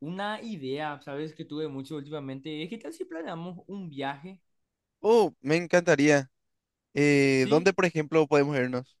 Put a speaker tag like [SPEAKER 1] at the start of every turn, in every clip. [SPEAKER 1] Una idea, ¿sabes? Que tuve mucho últimamente. Es que tal si planeamos un viaje,
[SPEAKER 2] Oh, me encantaría. ¿Dónde,
[SPEAKER 1] ¿sí?
[SPEAKER 2] por ejemplo, podemos irnos?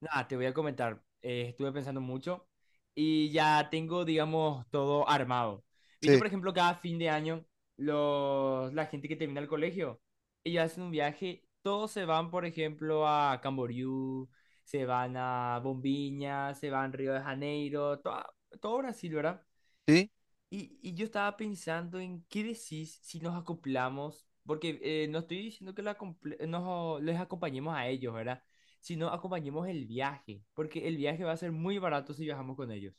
[SPEAKER 1] Nada, te voy a comentar. Estuve pensando mucho y ya tengo, digamos, todo armado. Viste,
[SPEAKER 2] Sí,
[SPEAKER 1] por ejemplo, cada fin de año, la gente que termina el colegio, ellos hacen un viaje, todos se van, por ejemplo, a Camboriú, se van a Bombiña, se van a Río de Janeiro, todo Brasil, ¿verdad?
[SPEAKER 2] sí.
[SPEAKER 1] Y yo estaba pensando en qué decís si nos acoplamos, porque no estoy diciendo que les acompañemos a ellos, ¿verdad? Sino acompañemos el viaje, porque el viaje va a ser muy barato si viajamos con ellos.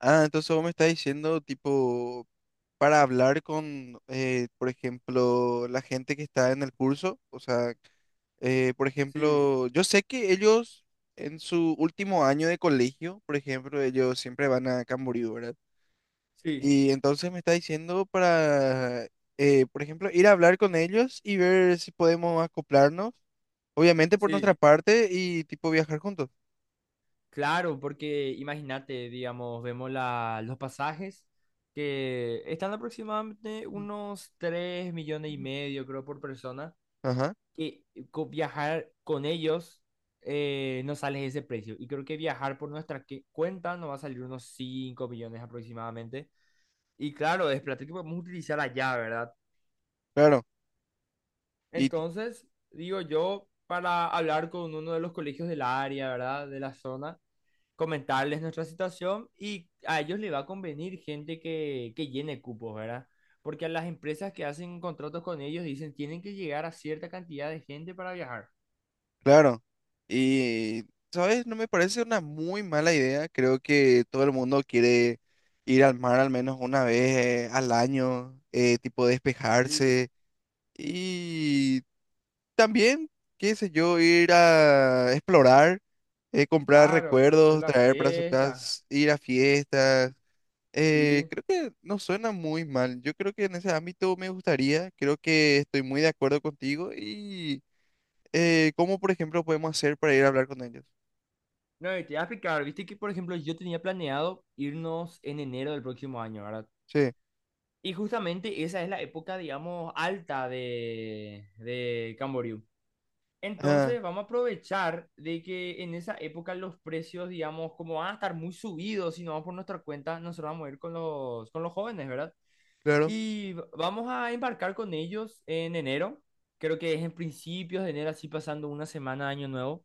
[SPEAKER 2] Ah, entonces vos me estás diciendo, tipo, para hablar con, por ejemplo, la gente que está en el curso. O sea, por
[SPEAKER 1] Sí,
[SPEAKER 2] ejemplo, yo sé que ellos en su último año de colegio, por ejemplo, ellos siempre van a Camboriú, ¿verdad?
[SPEAKER 1] sí,
[SPEAKER 2] Y entonces me está diciendo para, por ejemplo, ir a hablar con ellos y ver si podemos acoplarnos. Obviamente por nuestra
[SPEAKER 1] sí.
[SPEAKER 2] parte y tipo viajar juntos.
[SPEAKER 1] Claro, porque imagínate, digamos, vemos los pasajes que están aproximadamente unos 3 millones y medio, creo, por persona.
[SPEAKER 2] Ajá,
[SPEAKER 1] Que viajar con ellos no sale ese precio. Y creo que viajar por cuenta nos va a salir unos 5 millones aproximadamente. Y claro, es plata que podemos utilizar allá, ¿verdad?
[SPEAKER 2] claro. Y ti-
[SPEAKER 1] Entonces, digo yo, para hablar con uno de los colegios del área, ¿verdad? De la zona, comentarles nuestra situación y a ellos les va a convenir gente que llene cupos, ¿verdad? Porque a las empresas que hacen contratos con ellos dicen, tienen que llegar a cierta cantidad de gente para viajar.
[SPEAKER 2] claro. Y, ¿sabes? No me parece una muy mala idea. Creo que todo el mundo quiere ir al mar al menos una vez al año, tipo
[SPEAKER 1] Sí.
[SPEAKER 2] despejarse. Y también, qué sé yo, ir a explorar, comprar
[SPEAKER 1] Claro, conocer
[SPEAKER 2] recuerdos,
[SPEAKER 1] la
[SPEAKER 2] traer para su
[SPEAKER 1] fiesta,
[SPEAKER 2] casa, ir a fiestas.
[SPEAKER 1] sí.
[SPEAKER 2] Creo que no suena muy mal. Yo creo que en ese ámbito me gustaría, creo que estoy muy de acuerdo contigo y cómo, por ejemplo, podemos hacer para ir a hablar con ellos.
[SPEAKER 1] No, y te voy a explicar, viste que por ejemplo yo tenía planeado irnos en enero del próximo año, ¿verdad?
[SPEAKER 2] Sí,
[SPEAKER 1] Y justamente esa es la época, digamos, alta de Camboriú.
[SPEAKER 2] ah,
[SPEAKER 1] Entonces vamos a aprovechar de que en esa época los precios, digamos, como van a estar muy subidos, si no vamos por nuestra cuenta, nosotros vamos a ir con con los jóvenes, ¿verdad?
[SPEAKER 2] claro.
[SPEAKER 1] Y vamos a embarcar con ellos en enero, creo que es en principios de enero, así pasando una semana de año nuevo.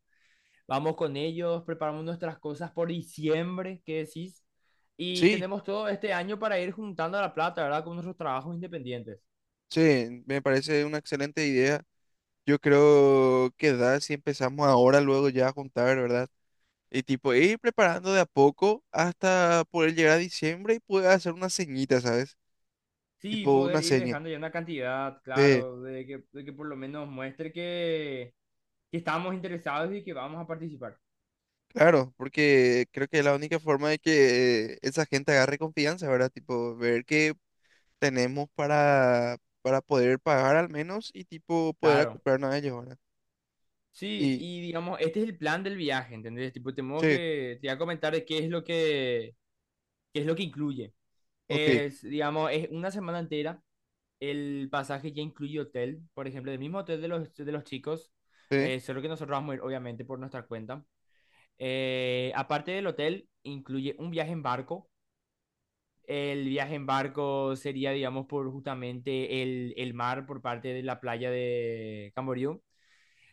[SPEAKER 1] Vamos con ellos, preparamos nuestras cosas por diciembre, ¿qué decís? Y
[SPEAKER 2] Sí,
[SPEAKER 1] tenemos todo este año para ir juntando la plata, ¿verdad? Con nuestros trabajos independientes.
[SPEAKER 2] sí, me parece una excelente idea. Yo creo que da si empezamos ahora, luego ya a juntar, ¿verdad? Y tipo, ir preparando de a poco hasta poder llegar a diciembre y poder hacer una ceñita, ¿sabes?
[SPEAKER 1] Sí,
[SPEAKER 2] Tipo
[SPEAKER 1] poder
[SPEAKER 2] una
[SPEAKER 1] ir
[SPEAKER 2] seña.
[SPEAKER 1] dejando ya una cantidad,
[SPEAKER 2] Sí.
[SPEAKER 1] claro, de que por lo menos muestre que estamos interesados y que vamos a participar.
[SPEAKER 2] Claro, porque creo que es la única forma de que esa gente agarre confianza, ¿verdad? Tipo, ver que tenemos para poder pagar al menos y tipo poder
[SPEAKER 1] Claro.
[SPEAKER 2] acoplarnos a ellos, ¿verdad?
[SPEAKER 1] Sí,
[SPEAKER 2] Y,
[SPEAKER 1] y digamos, este es el plan del viaje, ¿entendés? Tipo, tenemos
[SPEAKER 2] sí,
[SPEAKER 1] que, te voy a comentar de qué es qué es lo que incluye.
[SPEAKER 2] ok,
[SPEAKER 1] Es, digamos, es una semana entera. El pasaje ya incluye hotel, por ejemplo, del mismo hotel de de los chicos,
[SPEAKER 2] sí,
[SPEAKER 1] solo que nosotros vamos a ir, obviamente, por nuestra cuenta. Aparte del hotel, incluye un viaje en barco. El viaje en barco sería, digamos, por justamente el mar por parte de la playa de Camboriú.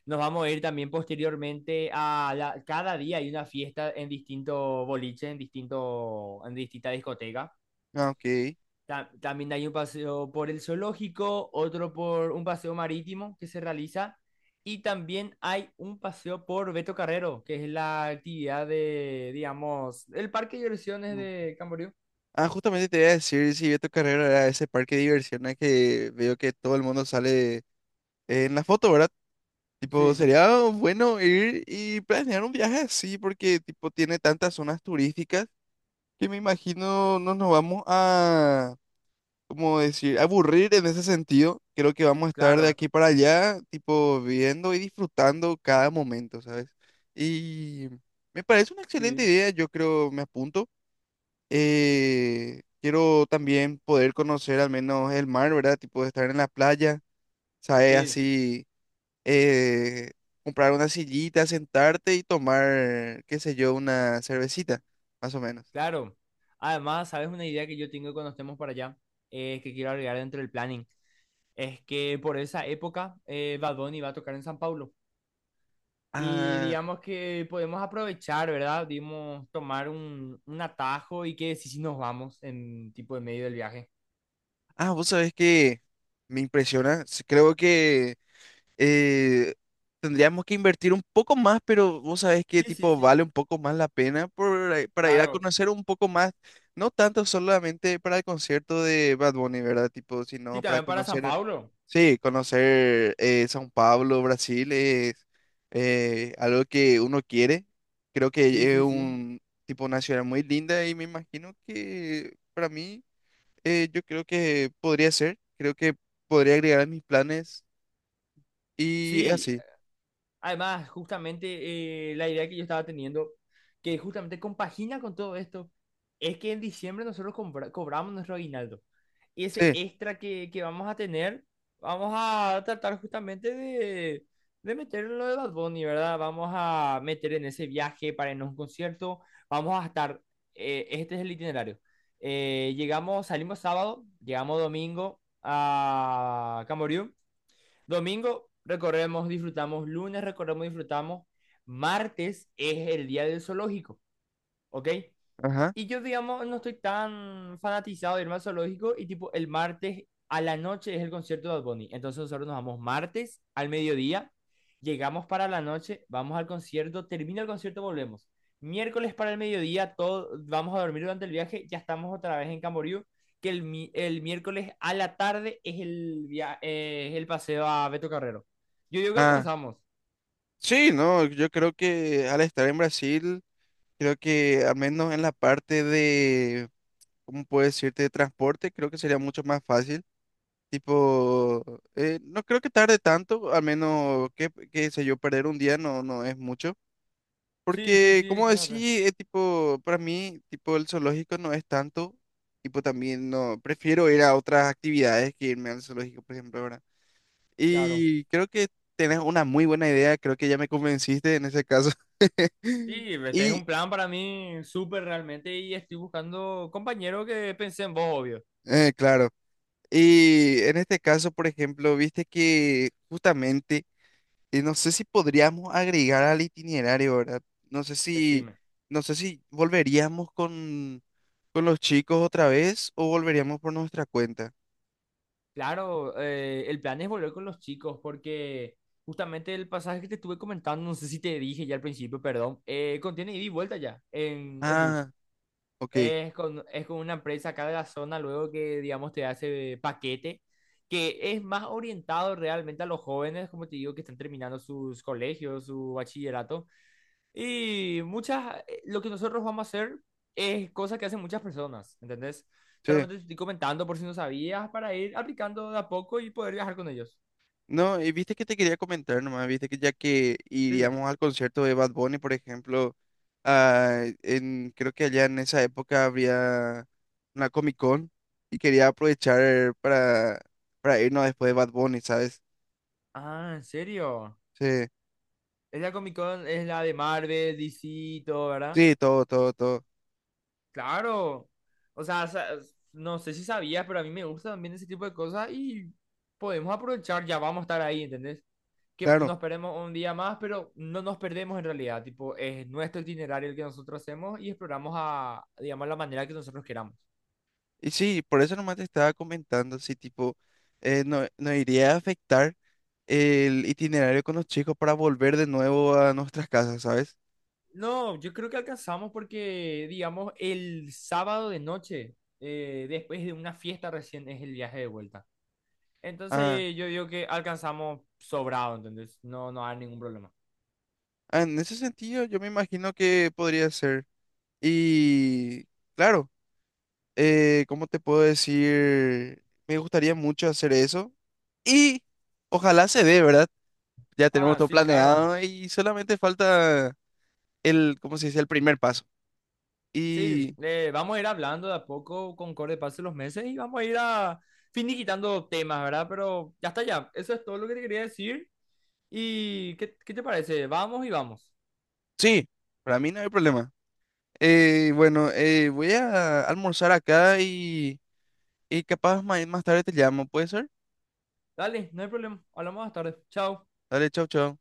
[SPEAKER 1] Nos vamos a ir también posteriormente a cada día hay una fiesta en distintos boliches, en en distintas discotecas.
[SPEAKER 2] ah, ok.
[SPEAKER 1] También hay un paseo por el zoológico, otro por un paseo marítimo que se realiza, y también hay un paseo por Beto Carrero, que es la actividad de, digamos, el parque de diversiones
[SPEAKER 2] Mm.
[SPEAKER 1] de Camboriú.
[SPEAKER 2] Ah, justamente te iba a decir si vi tu carrera era ese parque de diversiones que veo que todo el mundo sale en la foto, ¿verdad? Tipo,
[SPEAKER 1] Sí,
[SPEAKER 2] sería bueno ir y planear un viaje así porque tipo tiene tantas zonas turísticas que me imagino no nos vamos a... como decir, aburrir en ese sentido. Creo que vamos a estar de
[SPEAKER 1] claro,
[SPEAKER 2] aquí para allá, tipo, viendo y disfrutando cada momento, ¿sabes? Y me parece una excelente
[SPEAKER 1] sí,
[SPEAKER 2] idea, yo creo, me apunto. Quiero también poder conocer al menos el mar, ¿verdad? Tipo, de estar en la playa, ¿sabes?
[SPEAKER 1] sí,
[SPEAKER 2] Así, eh, comprar una sillita, sentarte y tomar, qué sé yo, una cervecita, más o menos.
[SPEAKER 1] claro. Además, ¿sabes una idea que yo tengo cuando estemos para allá? Que quiero agregar dentro del planning. Es que por esa época Bad Bunny va a tocar en San Pablo. Y
[SPEAKER 2] Ah,
[SPEAKER 1] digamos que podemos aprovechar, ¿verdad? Dimos tomar un atajo y que sí sí nos vamos en tipo de medio del viaje.
[SPEAKER 2] ah, vos sabés que me impresiona, creo que... eh, tendríamos que invertir un poco más, pero vos sabés que
[SPEAKER 1] Sí, sí,
[SPEAKER 2] tipo
[SPEAKER 1] sí,
[SPEAKER 2] vale un poco más la pena por, para ir a
[SPEAKER 1] claro.
[SPEAKER 2] conocer un poco más, no tanto solamente para el concierto de Bad Bunny, ¿verdad? Tipo,
[SPEAKER 1] Sí,
[SPEAKER 2] sino para
[SPEAKER 1] también para San
[SPEAKER 2] conocer,
[SPEAKER 1] Pablo.
[SPEAKER 2] sí, conocer São Paulo, Brasil es algo que uno quiere. Creo
[SPEAKER 1] Sí,
[SPEAKER 2] que es
[SPEAKER 1] sí, sí.
[SPEAKER 2] un tipo una ciudad muy linda y me imagino que para mí yo creo que podría ser, creo que podría agregar a mis planes y
[SPEAKER 1] Sí,
[SPEAKER 2] así.
[SPEAKER 1] además, justamente la idea que yo estaba teniendo, que justamente compagina con todo esto, es que en diciembre nosotros cobramos nuestro aguinaldo. Y ese
[SPEAKER 2] Sí.
[SPEAKER 1] extra que vamos a tener, vamos a tratar justamente de meterlo en lo de Bad Bunny, ¿verdad? Vamos a meter en ese viaje para irnos a un concierto. Vamos a estar, este es el itinerario. Llegamos, salimos sábado, llegamos domingo a Camboriú. Domingo recorremos, disfrutamos. Lunes recorremos, disfrutamos. Martes es el día del zoológico, ¿ok?
[SPEAKER 2] Ajá.
[SPEAKER 1] Y yo, digamos, no estoy tan fanatizado de irme al zoológico y tipo el martes a la noche es el concierto de Bad Bunny. Entonces nosotros nos vamos martes al mediodía, llegamos para la noche, vamos al concierto, termina el concierto, volvemos. Miércoles para el mediodía, todo, vamos a dormir durante el viaje, ya estamos otra vez en Camboriú, que el miércoles a la tarde es es el paseo a Beto Carrero. Yo digo que
[SPEAKER 2] Ah,
[SPEAKER 1] alcanzamos.
[SPEAKER 2] sí, no, yo creo que al estar en Brasil, creo que al menos en la parte de, ¿cómo puedo decirte?, de transporte, creo que sería mucho más fácil. Tipo, no creo que tarde tanto, al menos, que qué sé yo, perder un día no, no es mucho.
[SPEAKER 1] Sí, sí,
[SPEAKER 2] Porque,
[SPEAKER 1] sí,
[SPEAKER 2] como
[SPEAKER 1] excelente.
[SPEAKER 2] decía, tipo, para mí, tipo, el zoológico no es tanto. Tipo, también no, prefiero ir a otras actividades que irme al zoológico, por ejemplo, ¿verdad?
[SPEAKER 1] Claro.
[SPEAKER 2] Y creo que tenés una muy buena idea, creo que ya me convenciste en ese caso.
[SPEAKER 1] Sí, este es
[SPEAKER 2] Y
[SPEAKER 1] un plan para mí súper realmente y estoy buscando compañero que pensé en vos, obvio.
[SPEAKER 2] claro, y en este caso, por ejemplo, viste que justamente, no sé si podríamos agregar al itinerario, ¿verdad? No sé si,
[SPEAKER 1] Decime.
[SPEAKER 2] no sé si volveríamos con los chicos otra vez o volveríamos por nuestra cuenta.
[SPEAKER 1] Claro, el plan es volver con los chicos porque justamente el pasaje que te estuve comentando, no sé si te dije ya al principio, perdón, contiene ida y vuelta ya en bus.
[SPEAKER 2] Ah, ok,
[SPEAKER 1] Es con una empresa acá de la zona luego que, digamos, te hace paquete, que es más orientado realmente a los jóvenes, como te digo, que están terminando sus colegios, su bachillerato. Y muchas, lo que nosotros vamos a hacer es cosas que hacen muchas personas, ¿entendés?
[SPEAKER 2] sí.
[SPEAKER 1] Solamente te estoy comentando por si no sabías para ir aplicando de a poco y poder viajar con ellos.
[SPEAKER 2] No, y viste que te quería comentar nomás, viste que ya que
[SPEAKER 1] Sí.
[SPEAKER 2] iríamos al concierto de Bad Bunny, por ejemplo, creo que allá en esa época habría una Comic Con y quería aprovechar para irnos después de Bad Bunny, ¿sabes?
[SPEAKER 1] Ah, ¿en serio?
[SPEAKER 2] Sí,
[SPEAKER 1] Es la Comic Con, es la de Marvel, DC, y todo, ¿verdad?
[SPEAKER 2] sí, todo, todo, todo,
[SPEAKER 1] Claro. O sea, no sé si sabías, pero a mí me gusta también ese tipo de cosas y podemos aprovechar, ya vamos a estar ahí, ¿entendés? Que
[SPEAKER 2] claro.
[SPEAKER 1] nos perdemos un día más, pero no nos perdemos en realidad, tipo, es nuestro itinerario el que nosotros hacemos y exploramos a, digamos, la manera que nosotros queramos.
[SPEAKER 2] Y sí, por eso nomás te estaba comentando, así tipo, no, no iría a afectar el itinerario con los chicos para volver de nuevo a nuestras casas, ¿sabes?
[SPEAKER 1] No, yo creo que alcanzamos porque, digamos, el sábado de noche, después de una fiesta recién, es el viaje de vuelta.
[SPEAKER 2] Ah,
[SPEAKER 1] Entonces yo digo que alcanzamos sobrado, ¿entendés? No, no hay ningún problema.
[SPEAKER 2] ah, en ese sentido, yo me imagino que podría ser. Y claro, ¿cómo te puedo decir? Me gustaría mucho hacer eso. Y ojalá se dé, ¿verdad? Ya tenemos
[SPEAKER 1] Ah,
[SPEAKER 2] todo
[SPEAKER 1] sí, claro.
[SPEAKER 2] planeado y solamente falta el, ¿cómo se dice? El primer paso.
[SPEAKER 1] Sí,
[SPEAKER 2] Y
[SPEAKER 1] vamos a ir hablando de a poco con corte de paso los meses y vamos a ir a finiquitando temas, ¿verdad? Pero ya está ya, eso es todo lo que te quería decir. ¿Y qué te parece? Vamos y vamos.
[SPEAKER 2] sí, para mí no hay problema. Bueno, voy a almorzar acá y capaz más tarde te llamo, ¿puede ser?
[SPEAKER 1] Dale, no hay problema. Hablamos más tarde. Chao.
[SPEAKER 2] Dale, chau, chau.